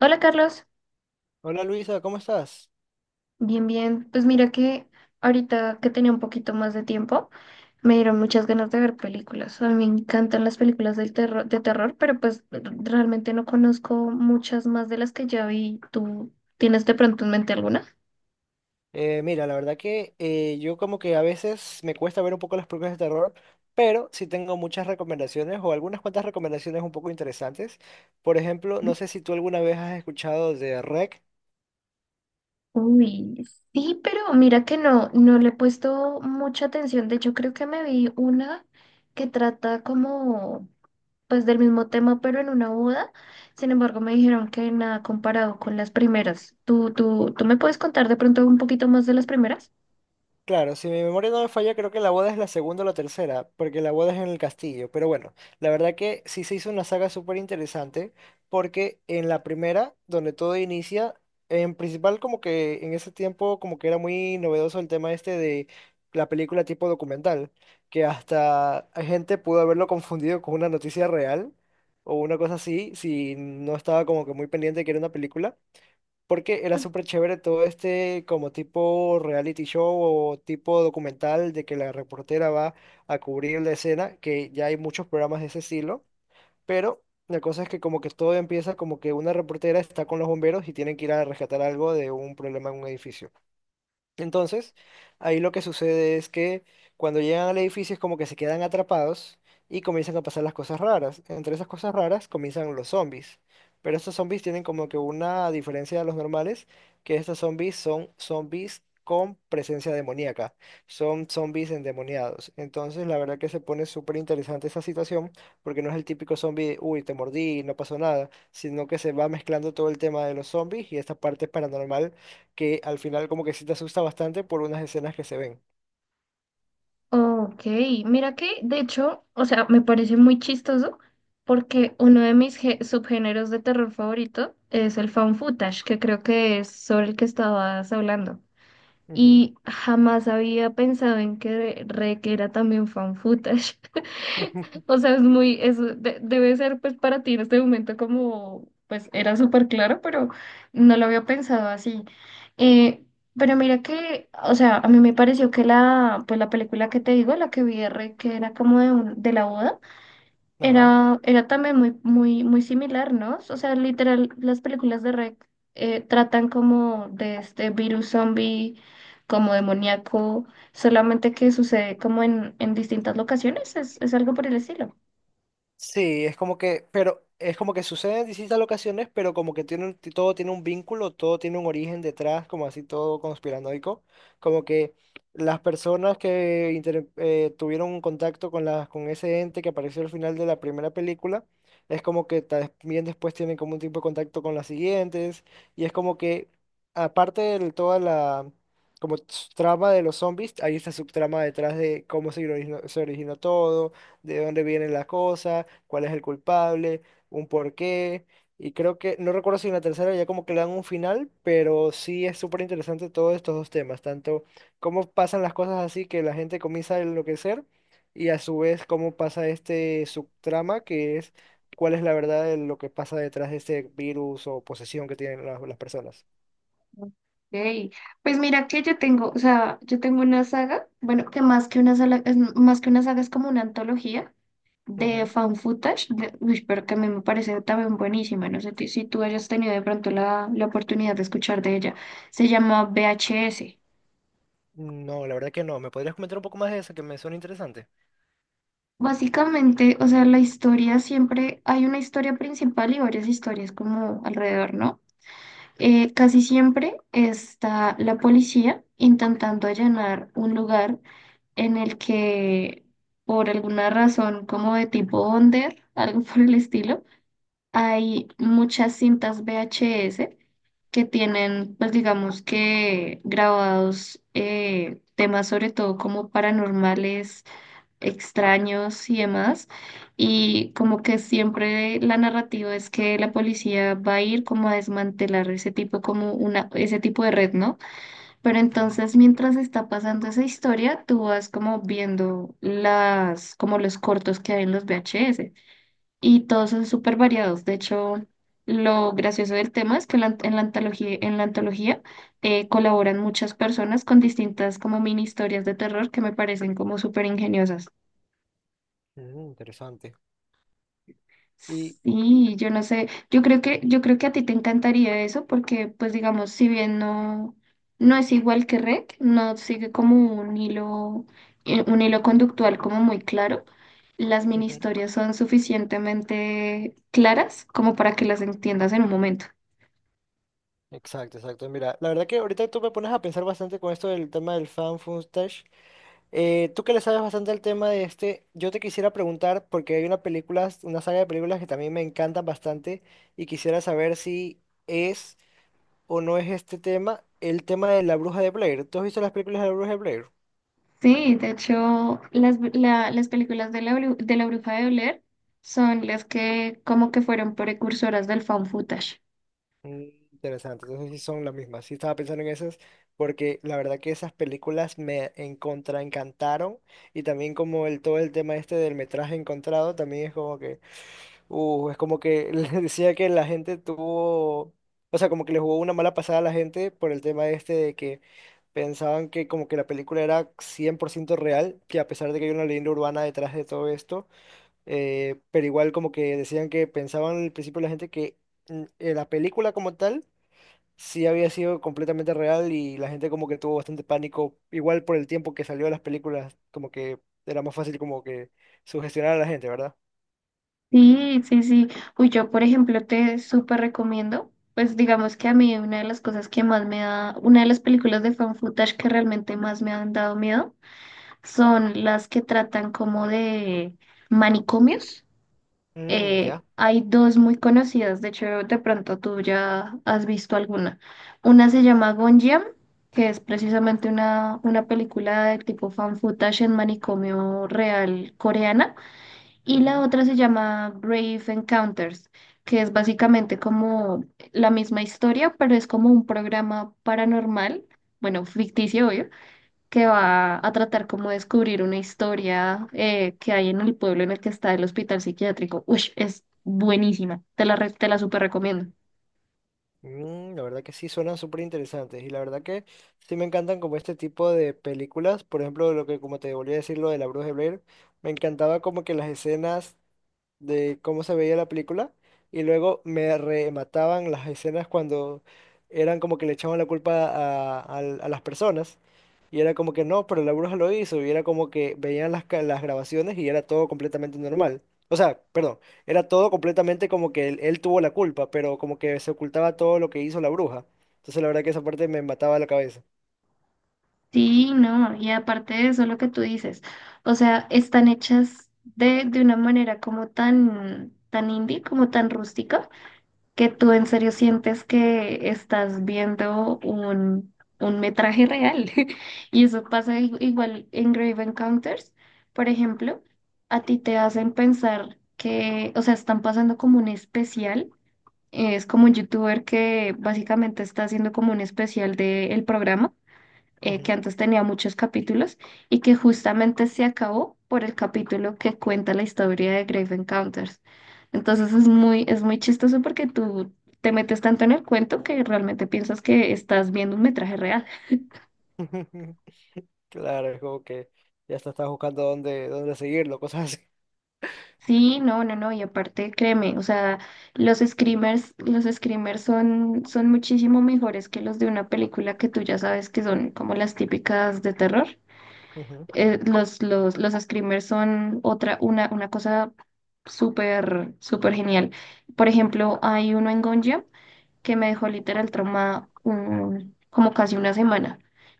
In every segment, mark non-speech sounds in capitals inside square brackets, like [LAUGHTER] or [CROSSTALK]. Hola, Carlos. Hola Luisa, ¿cómo estás? Bien, bien. Pues mira que ahorita que tenía un poquito más de tiempo, me dieron muchas ganas de ver películas. A mí me encantan las películas del terror, de terror, pero pues realmente no conozco muchas más de las que ya vi. ¿Tú tienes de pronto en mente alguna? Mira, la verdad que yo como que a veces me cuesta ver un poco las películas de terror, pero sí tengo muchas recomendaciones o algunas cuantas recomendaciones un poco interesantes. Por ejemplo, ¿No? no sé si tú alguna vez has escuchado de REC. Uy, sí, pero mira que no le he puesto mucha atención. De hecho, creo que me vi una que trata como pues del mismo tema, pero en una boda. Sin embargo, me dijeron que nada comparado con las primeras. ¿Tú me puedes contar de pronto un poquito más de las primeras? Claro, si mi memoria no me falla, creo que la boda es la segunda o la tercera, porque la boda es en el castillo. Pero bueno, la verdad que sí se hizo una saga súper interesante, porque en la primera, donde todo inicia, en principal como que en ese tiempo como que era muy novedoso el tema este de la película tipo documental, que hasta gente pudo haberlo confundido con una noticia real o una cosa así, si no estaba como que muy pendiente de que era una película. Porque era súper chévere todo este como tipo reality show o tipo documental de que la reportera va a cubrir la escena, que ya hay muchos programas de ese estilo, pero la cosa es que como que todo empieza como que una reportera está con los bomberos y tienen que ir a rescatar algo de un problema en un edificio. Entonces, ahí lo que sucede es que cuando llegan al edificio es como que se quedan atrapados y comienzan a pasar las cosas raras. Entre esas cosas raras comienzan los zombies. Pero estos zombies tienen como que una diferencia de los normales, que estos zombies son zombies con presencia demoníaca. Son zombies endemoniados. Entonces, la verdad que se pone súper interesante esa situación, porque no es el típico zombie, uy, te mordí, no pasó nada, sino que se va mezclando todo el tema de los zombies y esta parte paranormal que al final como que sí te asusta bastante por unas escenas que se ven. Ok, mira que de hecho, o sea, me parece muy chistoso porque uno de mis subgéneros de terror favorito es el found footage, que creo que es sobre el que estabas hablando. Ujú. Y jamás había pensado en que requiera también fan footage. [LAUGHS] [LAUGHS] O sea, es muy, es, debe ser pues para ti en este momento como, pues era súper claro, pero no lo había pensado así. Eh, pero mira que, o sea, a mí me pareció que la, pues la película que te digo, la que vi de Rey, que era como de, de la boda, Ajá. era, era también muy similar, ¿no? O sea, literal, las películas de Rec tratan como de este virus zombie, como demoníaco, solamente que sucede como en distintas locaciones, es algo por el estilo. Sí, es como que, pero es como que sucede en distintas ocasiones, pero como que tiene, todo tiene un vínculo, todo tiene un origen detrás, como así todo conspiranoico, como que las personas que tuvieron un contacto con las con ese ente que apareció al final de la primera película, es como que también después tienen como un tipo de contacto con las siguientes, y es como que aparte de toda la como trama de los zombies, hay esta subtrama detrás de cómo se originó todo, de dónde viene la cosa cuál es el culpable, un porqué. Y creo que, no recuerdo si en la tercera ya como que le dan un final, pero sí es súper interesante todos estos dos temas, tanto cómo pasan las cosas así que la gente comienza a enloquecer y a su vez cómo pasa este subtrama que es cuál es la verdad de lo que pasa detrás de este virus o posesión que tienen las personas. Ok, pues mira que yo tengo, o sea, yo tengo una saga, bueno, que más que una saga, es como una antología de Ujú. fan footage, uy, pero que a mí me parece también buenísima. No sé si tú hayas tenido de pronto la, la oportunidad de escuchar de ella. Se llama VHS. No, la verdad que no. ¿Me podrías comentar un poco más de eso que me suena interesante? Básicamente, o sea, la historia siempre, hay una historia principal y varias historias como alrededor, ¿no? Casi siempre está la policía intentando allanar un lugar en el que por alguna razón como de tipo under, algo por el estilo, hay muchas cintas VHS que tienen, pues digamos que grabados temas sobre todo como paranormales, extraños y demás. Y como que siempre la narrativa es que la policía va a ir como a desmantelar ese tipo, como una, ese tipo de red, ¿no? Pero Ujú. entonces mientras está pasando esa historia, tú vas como viendo las, como los cortos que hay en los VHS, y todos son súper variados. De hecho, lo gracioso del tema es que en la antología, en la antología, colaboran muchas personas con distintas como mini historias de terror que me parecen como súper ingeniosas. Mm, interesante. Y... Sí, yo no sé, yo creo que a ti te encantaría eso porque, pues digamos, si bien no es igual que REC, no sigue como un hilo conductual como muy claro. Las mini ujú. historias son suficientemente claras como para que las entiendas en un momento. Exacto, exacto. Mira, la verdad que ahorita tú me pones a pensar bastante con esto del tema del fan footage. Tú que le sabes bastante al tema de este, yo te quisiera preguntar, porque hay una película, una saga de películas que también me encantan bastante y quisiera saber si es o no es este tema, el tema de la bruja de Blair. ¿Tú has visto las películas de la bruja de Blair? Sí, de hecho, las, las películas de la, de la Bruja de Blair son las que como que fueron precursoras del found footage. Mm, interesante, entonces sí son las mismas. Sí estaba pensando en esas, porque la verdad que esas películas me encontra encantaron. Y también como el todo el tema este del metraje encontrado, también es como que [LAUGHS] les decía que la gente tuvo, o sea, como que le jugó una mala pasada a la gente por el tema este de que pensaban que como que la película era 100% real, que a pesar de que hay una leyenda urbana detrás de todo esto, pero igual como que decían que pensaban al principio la gente que la película como tal sí había sido completamente real y la gente como que tuvo bastante pánico, igual por el tiempo que salió las películas, como que era más fácil como que sugestionar a la gente, ¿verdad? Sí, sí, sí. Uy, yo, por ejemplo, te súper recomiendo, pues digamos que a mí una de las cosas que más me da, una de las películas de found footage que realmente más me han dado miedo son las que tratan como de manicomios. Mm, ya. Hay dos muy conocidas. De hecho, de pronto tú ya has visto alguna. Una se llama Gonjiam, que es precisamente una película de tipo fan footage en manicomio real coreana, y la otra se llama Brave Encounters, que es básicamente como la misma historia, pero es como un programa paranormal, bueno, ficticio, obvio, que va a tratar como de descubrir una historia que hay en el pueblo en el que está el hospital psiquiátrico. Uy, es buenísima. Te la, te la súper recomiendo. Mm, la verdad que sí, suenan súper interesantes y la verdad que sí me encantan como este tipo de películas, por ejemplo, lo que como te volví a decir, lo de la Bruja de Blair, me encantaba como que las escenas de cómo se veía la película y luego me remataban las escenas cuando eran como que le echaban la culpa a, a las personas y era como que no, pero la bruja lo hizo y era como que veían las, las grabaciones y era todo completamente normal. O sea, perdón, era todo completamente como que él tuvo la culpa, pero como que se ocultaba todo lo que hizo la bruja. Entonces la verdad que esa parte me mataba la cabeza. Sí, no, y aparte de eso, lo que tú dices, o sea, están hechas de una manera como tan, tan indie, como tan rústica que tú en serio sientes que estás viendo un metraje real. [LAUGHS] Y eso pasa igual en Grave Encounters, por ejemplo. A ti te hacen pensar que, o sea, están pasando como un especial. Es como un youtuber que básicamente está haciendo como un especial del programa que Ujú. antes tenía muchos capítulos y que justamente se acabó por el capítulo que cuenta la historia de Grave Encounters. Entonces es muy chistoso porque tú te metes tanto en el cuento que realmente piensas que estás viendo un metraje real. [LAUGHS] Claro, es como que ya hasta estás buscando dónde, dónde seguirlo, cosas así. Sí, no, no, no, y aparte créeme, o sea, los screamers son, son muchísimo mejores que los de una película que tú ya sabes que son como las típicas de terror. Ujú. Los screamers son otra, una cosa súper genial. Por ejemplo, hay uno en Gonja que me dejó literal trauma como casi una semana.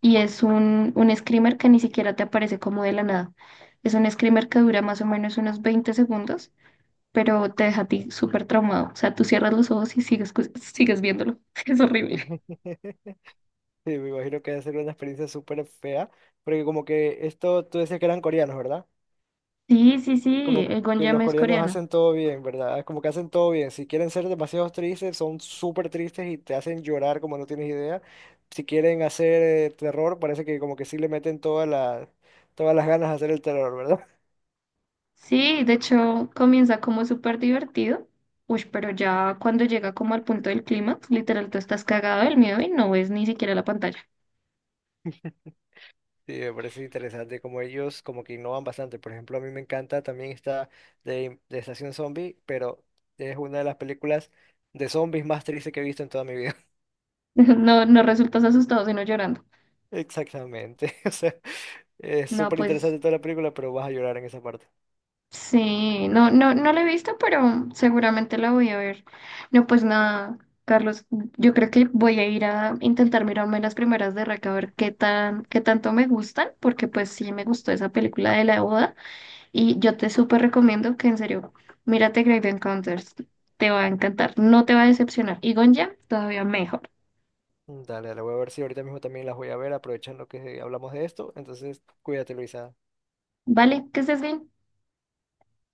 Y es un screamer que ni siquiera te aparece como de la nada. Es un screamer que dura más o menos unos 20 segundos, pero te deja a ti súper traumado. O sea, tú cierras los ojos y sigues, sigues viéndolo. [LAUGHS] Es horrible. [LAUGHS] Sí, me imagino que debe ser una experiencia súper fea, porque como que esto, tú decías que eran coreanos, ¿verdad? Sí, sí, sí. Como El que Gonja los es coreanos coreano. hacen todo bien, ¿verdad? Es como que hacen todo bien. Si quieren ser demasiado tristes, son súper tristes y te hacen llorar como no tienes idea. Si quieren hacer terror, parece que como que sí le meten todas las ganas a hacer el terror, ¿verdad? Sí, de hecho comienza como súper divertido. Uy, pero ya cuando llega como al punto del clímax, literal, tú estás cagado del miedo y no ves ni siquiera la pantalla. [LAUGHS] [LAUGHS] Sí, me parece interesante como ellos como que innovan bastante. Por ejemplo, a mí me encanta también esta de Estación Zombie, pero es una de las películas de zombies más tristes que he visto en toda mi vida. No, no resultas asustado, sino llorando. [LAUGHS] Exactamente. [LAUGHS] O sea, es No, súper pues interesante toda la película, pero vas a llorar en esa parte. sí, no, no, no la he visto, pero seguramente la voy a ver. No, pues nada, Carlos, yo creo que voy a ir a intentar mirarme las primeras de Rec a ver qué tan, qué tanto me gustan, porque pues sí me gustó esa película de la boda. Y yo te súper recomiendo que en serio, mírate Grave Encounters, te va a encantar, no te va a decepcionar. Y Gonja, todavía mejor. Mm, dale, dale, voy a ver si ahorita mismo también las voy a ver, aprovechando que hablamos de esto. Entonces, cuídate, Luisa. Vale, que estés bien.